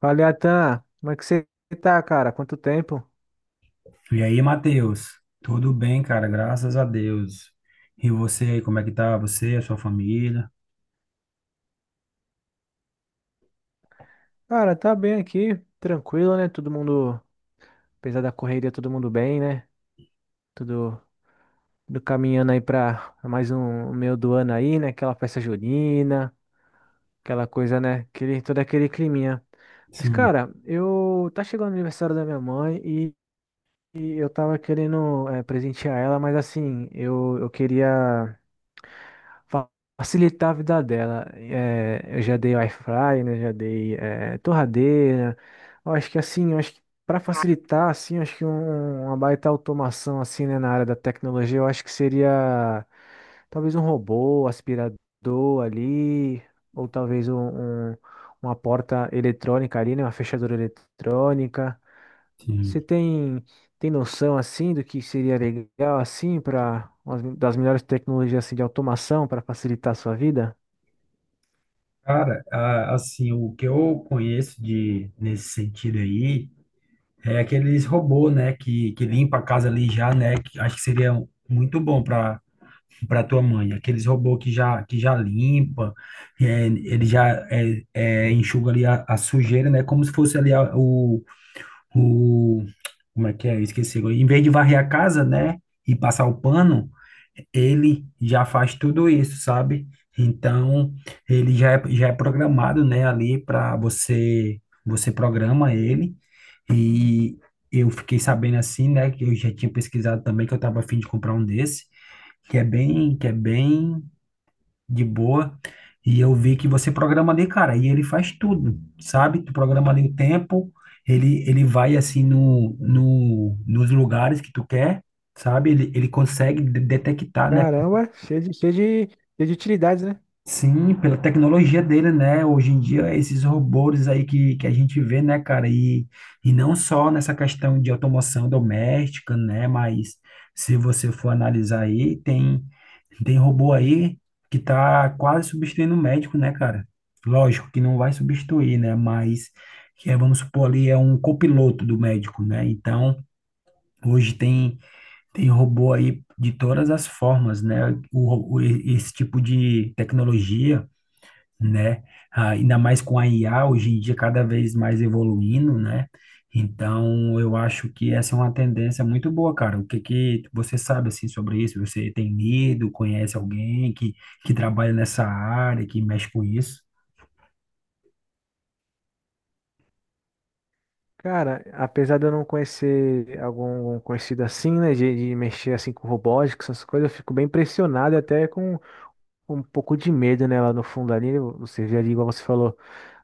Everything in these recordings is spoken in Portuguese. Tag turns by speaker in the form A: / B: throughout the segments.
A: Fala, Atan, como é que você tá, cara? Quanto tempo?
B: E aí, Matheus? Tudo bem, cara? Graças a Deus. E você aí, como é que tá? Você, a sua família?
A: Cara, tá bem aqui, tranquilo, né? Todo mundo, apesar da correria, todo mundo bem, né? Tudo, tudo caminhando aí pra mais um meio do ano aí, né? Aquela festa junina, aquela coisa, né? Aquele, todo aquele climinha. Mas,
B: Sim,
A: cara, eu tá chegando o aniversário da minha mãe e eu tava querendo presentear ela, mas assim, eu queria fa- facilitar a vida dela. É, eu já dei air fry, né? Já dei é, torradeira. Eu acho que assim, eu acho que para facilitar, assim, eu acho que uma baita automação assim, né, na área da tecnologia, eu acho que seria talvez um robô, aspirador ali, ou talvez um- uma porta eletrônica ali, né? Uma fechadura eletrônica. Você
B: sim.
A: tem, tem noção assim do que seria legal assim para das melhores tecnologias assim, de automação para facilitar a sua vida?
B: Cara, assim, o que eu conheço de nesse sentido aí é aqueles robô, né, que limpa a casa ali já, né, que acho que seria muito bom para tua mãe. Aqueles robô que já limpa, ele já enxuga ali a sujeira, né, como se fosse ali o, como é que é? Esqueci agora. Em vez de varrer a casa, né, e passar o pano, ele já faz tudo isso, sabe? Então, ele já é programado, né, ali para você, você programa ele e eu fiquei sabendo assim, né, que eu já tinha pesquisado também que eu estava a fim de comprar um desse, que é bem de boa. E eu vi que você programa ali, cara, e ele faz tudo, sabe? Tu programa ali o tempo, ele vai assim no, no, nos lugares que tu quer, sabe? Ele consegue detectar, né?
A: Caramba, cheio de utilidades, né?
B: Sim, pela tecnologia dele, né? Hoje em dia, esses robôs aí que a gente vê, né, cara? E não só nessa questão de automação doméstica, né? Mas se você for analisar aí, tem robô aí que tá quase substituindo o médico, né, cara? Lógico que não vai substituir, né? Mas, que é, vamos supor ali, é um copiloto do médico, né? Então, hoje tem robô aí de todas as formas, né? Esse tipo de tecnologia, né? Ah, ainda mais com a IA hoje em dia cada vez mais evoluindo, né? Então, eu acho que essa é uma tendência muito boa, cara. O que que você sabe assim sobre isso? Você tem lido, conhece alguém que trabalha nessa área, que mexe com isso?
A: Cara, apesar de eu não conhecer algum conhecido assim, né, de mexer assim com robótica, essas coisas, eu fico bem impressionado e até com, um pouco de medo, né, lá no fundo ali, né? Você vê ali, igual você falou,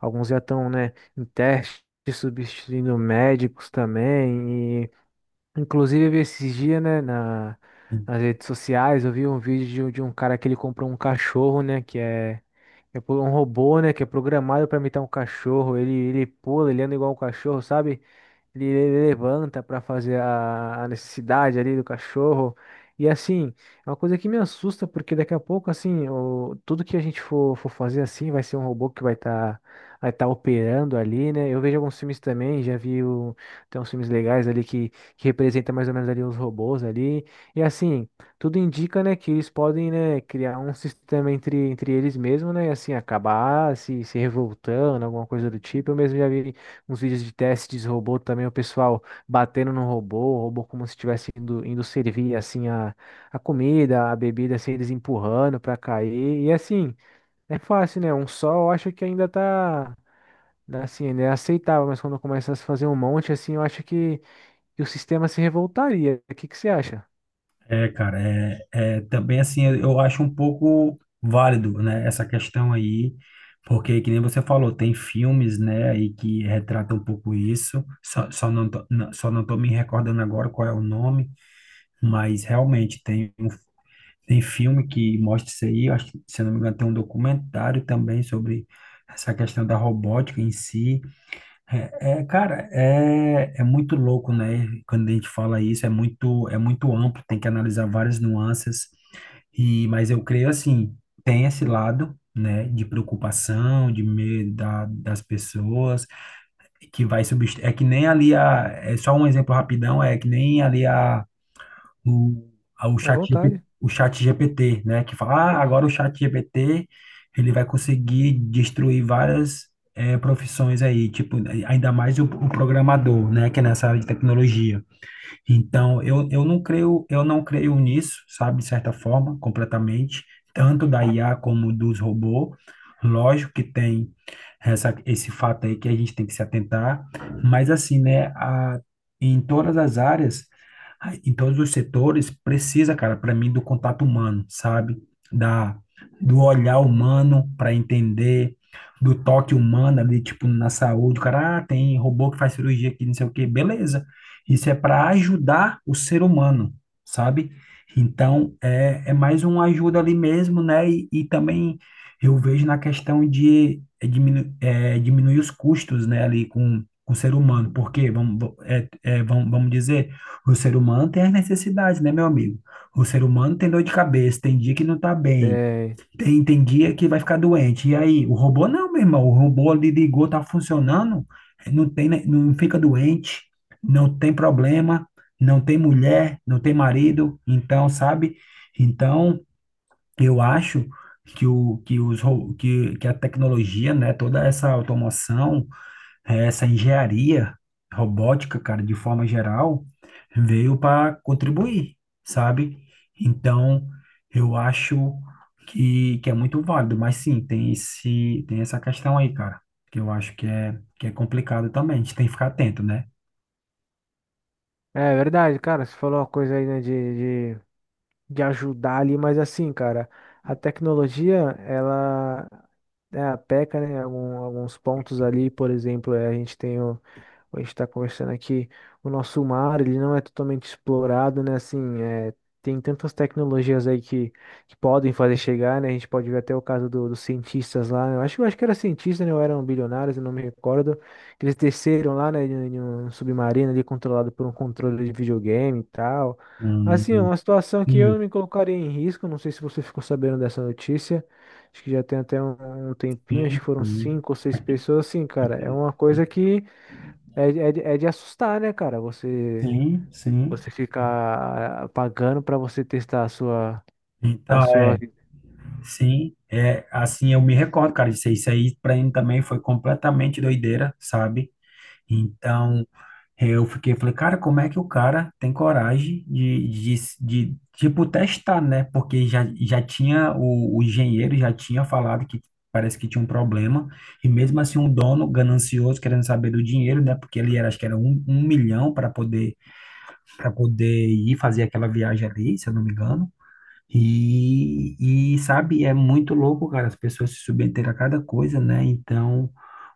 A: alguns já estão, né, em teste, substituindo médicos também. Inclusive, eu vi esses dias, né, nas redes sociais, eu vi um vídeo de um cara que ele comprou um cachorro, né, que é, um robô, né, que é programado para imitar um cachorro. Ele pula, ele anda igual um cachorro, sabe? Ele levanta para fazer a necessidade ali do cachorro. E assim, é uma coisa que me assusta, porque daqui a pouco, assim, o, tudo que a gente for fazer assim vai ser um robô que vai estar vai tá operando ali, né? Eu vejo alguns filmes também, já vi o, tem uns filmes legais ali que representam mais ou menos ali os robôs ali. E assim, tudo indica, né, que eles podem, né, criar um sistema entre eles mesmos, né? E assim, acabar se revoltando, alguma coisa do tipo. Eu mesmo já vi uns vídeos de testes de robô também, o pessoal batendo no robô, o robô como se estivesse indo servir assim a comida, a bebida, assim, eles empurrando para cair. E assim, é fácil, né? Um só eu acho que ainda tá né, assim, né, aceitável, mas quando começa a se fazer um monte assim, eu acho que o sistema se revoltaria. O que que você acha?
B: É, cara, também assim, eu acho um pouco válido, né, essa questão aí, porque que nem você falou, tem filmes, né, aí que retratam um pouco isso. Só não tô, não- só não tô me recordando agora qual é o nome. Mas realmente tem, tem filme que mostra isso aí. Eu Acho que, se eu não me engano, tem um documentário também sobre essa questão da robótica em si. É, cara, é muito louco, né? Quando a gente fala isso, é muito, amplo, tem que analisar várias nuances. E, mas eu creio assim, tem esse lado, né, de preocupação, de medo das pessoas, que vai substituir. É que nem ali a. É só um exemplo rapidão, é que nem ali a o, a-
A: À
B: o chat, GP
A: vontade.
B: o chat GPT, né? Que fala, ah, agora o chat GPT ele vai conseguir destruir várias profissões aí, tipo, ainda mais o programador, né? Que é nessa área de tecnologia. Então, eu não creio nisso, sabe, de certa forma, completamente, tanto da IA como dos robôs. Lógico que tem esse fato aí que a gente tem que se atentar, mas assim, né, em todas as áreas, em todos os setores, precisa, cara, para mim, do contato humano, sabe? Da, do olhar humano para entender, do toque humano ali, tipo, na saúde, o cara, ah, tem robô que faz cirurgia aqui, não sei o quê, beleza. Isso é para ajudar o ser humano, sabe? Então, é mais uma ajuda ali mesmo, né? E também eu vejo na questão de diminuir os custos, né, ali com o ser humano, porque, vamos, va- é, é, vamos, vamos dizer, o ser humano tem as necessidades, né, meu amigo? O ser humano tem dor de cabeça, tem dia que não tá bem,
A: É,
B: tem guia que vai ficar doente. E aí, o robô não, meu irmão. O robô ali ligou, tá funcionando, não tem, não fica doente, não tem problema, não tem mulher, não tem marido. Então, sabe? Então, eu acho que, o, que, os, ro- que a tecnologia, né, toda essa automação, essa engenharia robótica, cara, de forma geral, veio para contribuir, sabe? Então, eu acho que é muito válido, mas sim, tem essa questão aí, cara, que eu acho que é complicado também, a gente tem que ficar atento, né?
A: é verdade, cara, você falou uma coisa aí, né, de ajudar ali, mas assim, cara, a tecnologia, ela é, peca, né? Alguns pontos ali, por exemplo, é, a gente tem o, a gente está conversando aqui, o nosso mar, ele não é totalmente explorado, né? Assim, é, tem tantas tecnologias aí que podem fazer chegar, né? A gente pode ver até o caso dos cientistas lá, né? Eu acho que era cientista, né? Ou eram bilionários, eu não me recordo. Eles desceram lá, né? Em um submarino ali controlado por um controle de videogame e tal. Assim, é
B: Hum,
A: uma situação que eu
B: sim,
A: não me colocaria em risco. Não sei se você ficou sabendo dessa notícia. Acho que já tem até um tempinho, acho
B: sim,
A: que foram
B: sim.
A: cinco ou seis pessoas. Assim, cara, é uma coisa que é, de- é, de é de assustar, né, cara?
B: Sim, sim.
A: Você ficar pagando pra você testar a
B: Então,
A: sua
B: é,
A: vida.
B: sim, é assim, eu me recordo, cara, disso aí. Isso aí pra mim também foi completamente doideira, sabe? Então, eu fiquei, falei, cara, como é que o cara tem coragem de, de, tipo, testar, né? Porque já tinha, o engenheiro já tinha falado que parece que tinha um problema, e mesmo assim um dono ganancioso, querendo saber do dinheiro, né? Porque ele era, acho que era 1 milhão para poder, ir fazer aquela viagem ali, se eu não me engano. E, e, sabe, é muito louco, cara, as pessoas se submeterem a cada coisa, né? Então,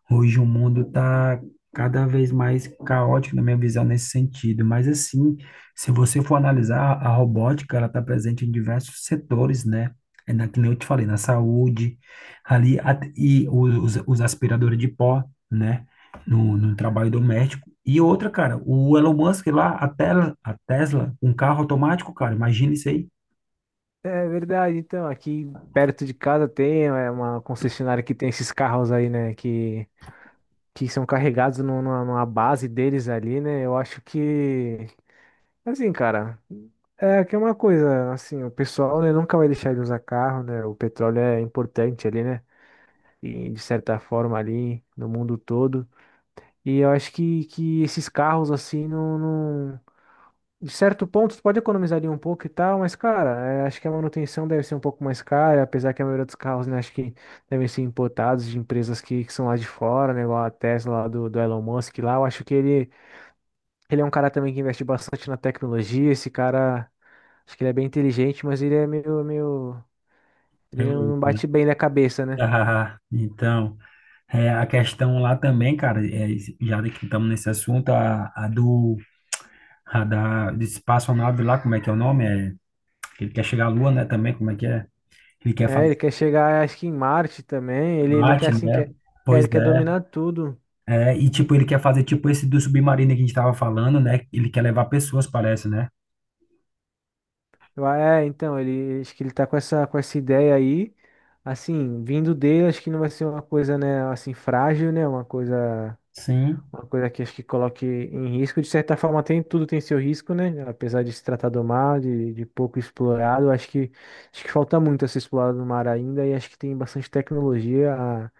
B: hoje o mundo está cada vez mais caótico, na minha visão, nesse sentido. Mas, assim, se você for analisar, a robótica, ela está presente em diversos setores, né? É na, que nem eu te falei, na saúde, ali, e os aspiradores de pó, né? No trabalho doméstico. E outra, cara, o Elon Musk lá, a Tesla, um carro automático, cara, imagina isso aí.
A: É verdade. Então, aqui perto de casa tem é, uma concessionária que tem esses carros aí, né, que são carregados numa base deles ali, né? Eu acho que assim, cara, é que é uma coisa, assim, o pessoal, né, nunca vai deixar de usar carro, né? O petróleo é importante ali, né? E de certa forma ali no mundo todo. E eu acho que esses carros, assim, de certo ponto, tu pode economizar ali um pouco e tal, mas, cara, é, acho que a manutenção deve ser um pouco mais cara, apesar que a maioria dos carros, né, acho que devem ser importados de empresas que são lá de fora, né, igual a Tesla lá do Elon Musk lá. Eu acho que ele é um cara também que investe bastante na tecnologia, esse cara, acho que ele é bem inteligente, mas ele é meio...
B: É
A: Ele
B: louco,
A: não
B: né?
A: bate bem na cabeça, né?
B: Ah, então. É, a questão lá também, cara, já que estamos nesse assunto, a do a da de espaçonave lá, como é que é o nome? É, ele quer chegar à Lua, né, também, como é que é? Ele quer
A: É,
B: fazer
A: ele quer chegar, acho que em Marte também, ele quer,
B: arte,
A: assim,
B: né?
A: quer,
B: Pois
A: quer, quer
B: é,
A: dominar tudo.
B: é, e tipo, ele quer fazer tipo esse do submarino que a gente estava falando, né? Ele quer levar pessoas, parece, né?
A: É, então, ele acho que ele tá com essa ideia aí. Assim, vindo dele, acho que não vai ser uma coisa, né, assim, frágil, né?
B: Sim.
A: Uma coisa que acho que coloque em risco. De certa forma, tem tudo tem seu risco, né? Apesar de se tratar do mar, de pouco explorado, acho que falta muito a ser explorado no mar ainda e acho que tem bastante tecnologia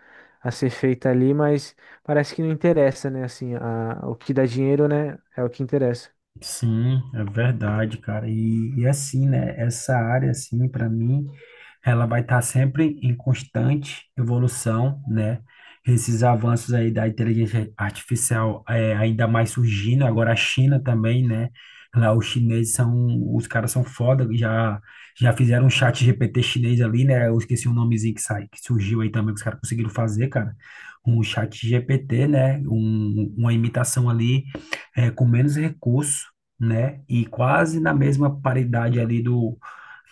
A: a ser feita ali, mas parece que não interessa, né? Assim, a, o que dá dinheiro, né, é o que interessa.
B: Sim, é verdade, cara. E assim, né? Essa área, assim, para mim, ela vai estar sempre em constante evolução, né? Esses avanços aí da inteligência artificial ainda mais surgindo. Agora a China também, né? Lá os chineses são, os caras são foda, já fizeram um chat GPT chinês ali, né? Eu esqueci o nomezinho que sai, que surgiu aí também que os caras conseguiram fazer, cara. Um chat GPT, né? Uma imitação ali com menos recurso, né? E quase na mesma paridade ali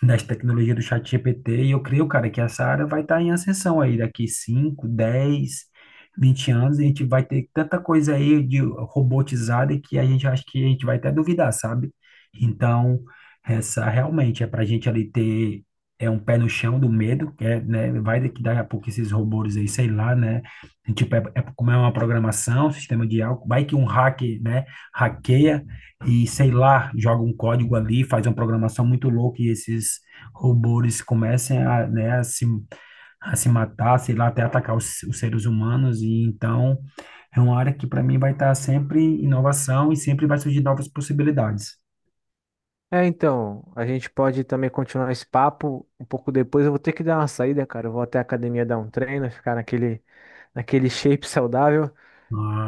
B: das tecnologias do ChatGPT. E eu creio, cara, que essa área vai estar em ascensão aí daqui 5, 10, 20 anos. A gente vai ter tanta coisa aí de robotizada que a gente acha que a gente vai até duvidar, sabe? Então, essa realmente é para a gente ali ter. É um pé no chão do medo, que é, né? Vai que daqui a pouco esses robôs aí, sei lá, né? Tipo, é como é uma programação, sistema de algo, vai que um hacker, né? Hackeia, e sei lá, joga um código ali, faz uma programação muito louca e esses robôs comecem a, né, a se matar, sei lá, até atacar os seres humanos. E então é uma área que para mim vai estar sempre inovação e sempre vai surgir novas possibilidades.
A: É, então, a gente pode também continuar esse papo um pouco depois. Eu vou ter que dar uma saída, cara. Eu vou até a academia dar um treino, ficar naquele shape saudável.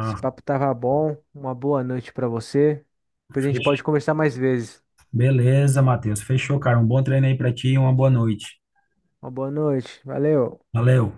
A: Esse papo tava bom. Uma boa noite pra você. Depois a gente
B: fech-
A: pode conversar mais vezes.
B: beleza, Matheus. Fechou, cara. Um bom treino aí para ti e uma boa noite.
A: Uma boa noite. Valeu.
B: Valeu.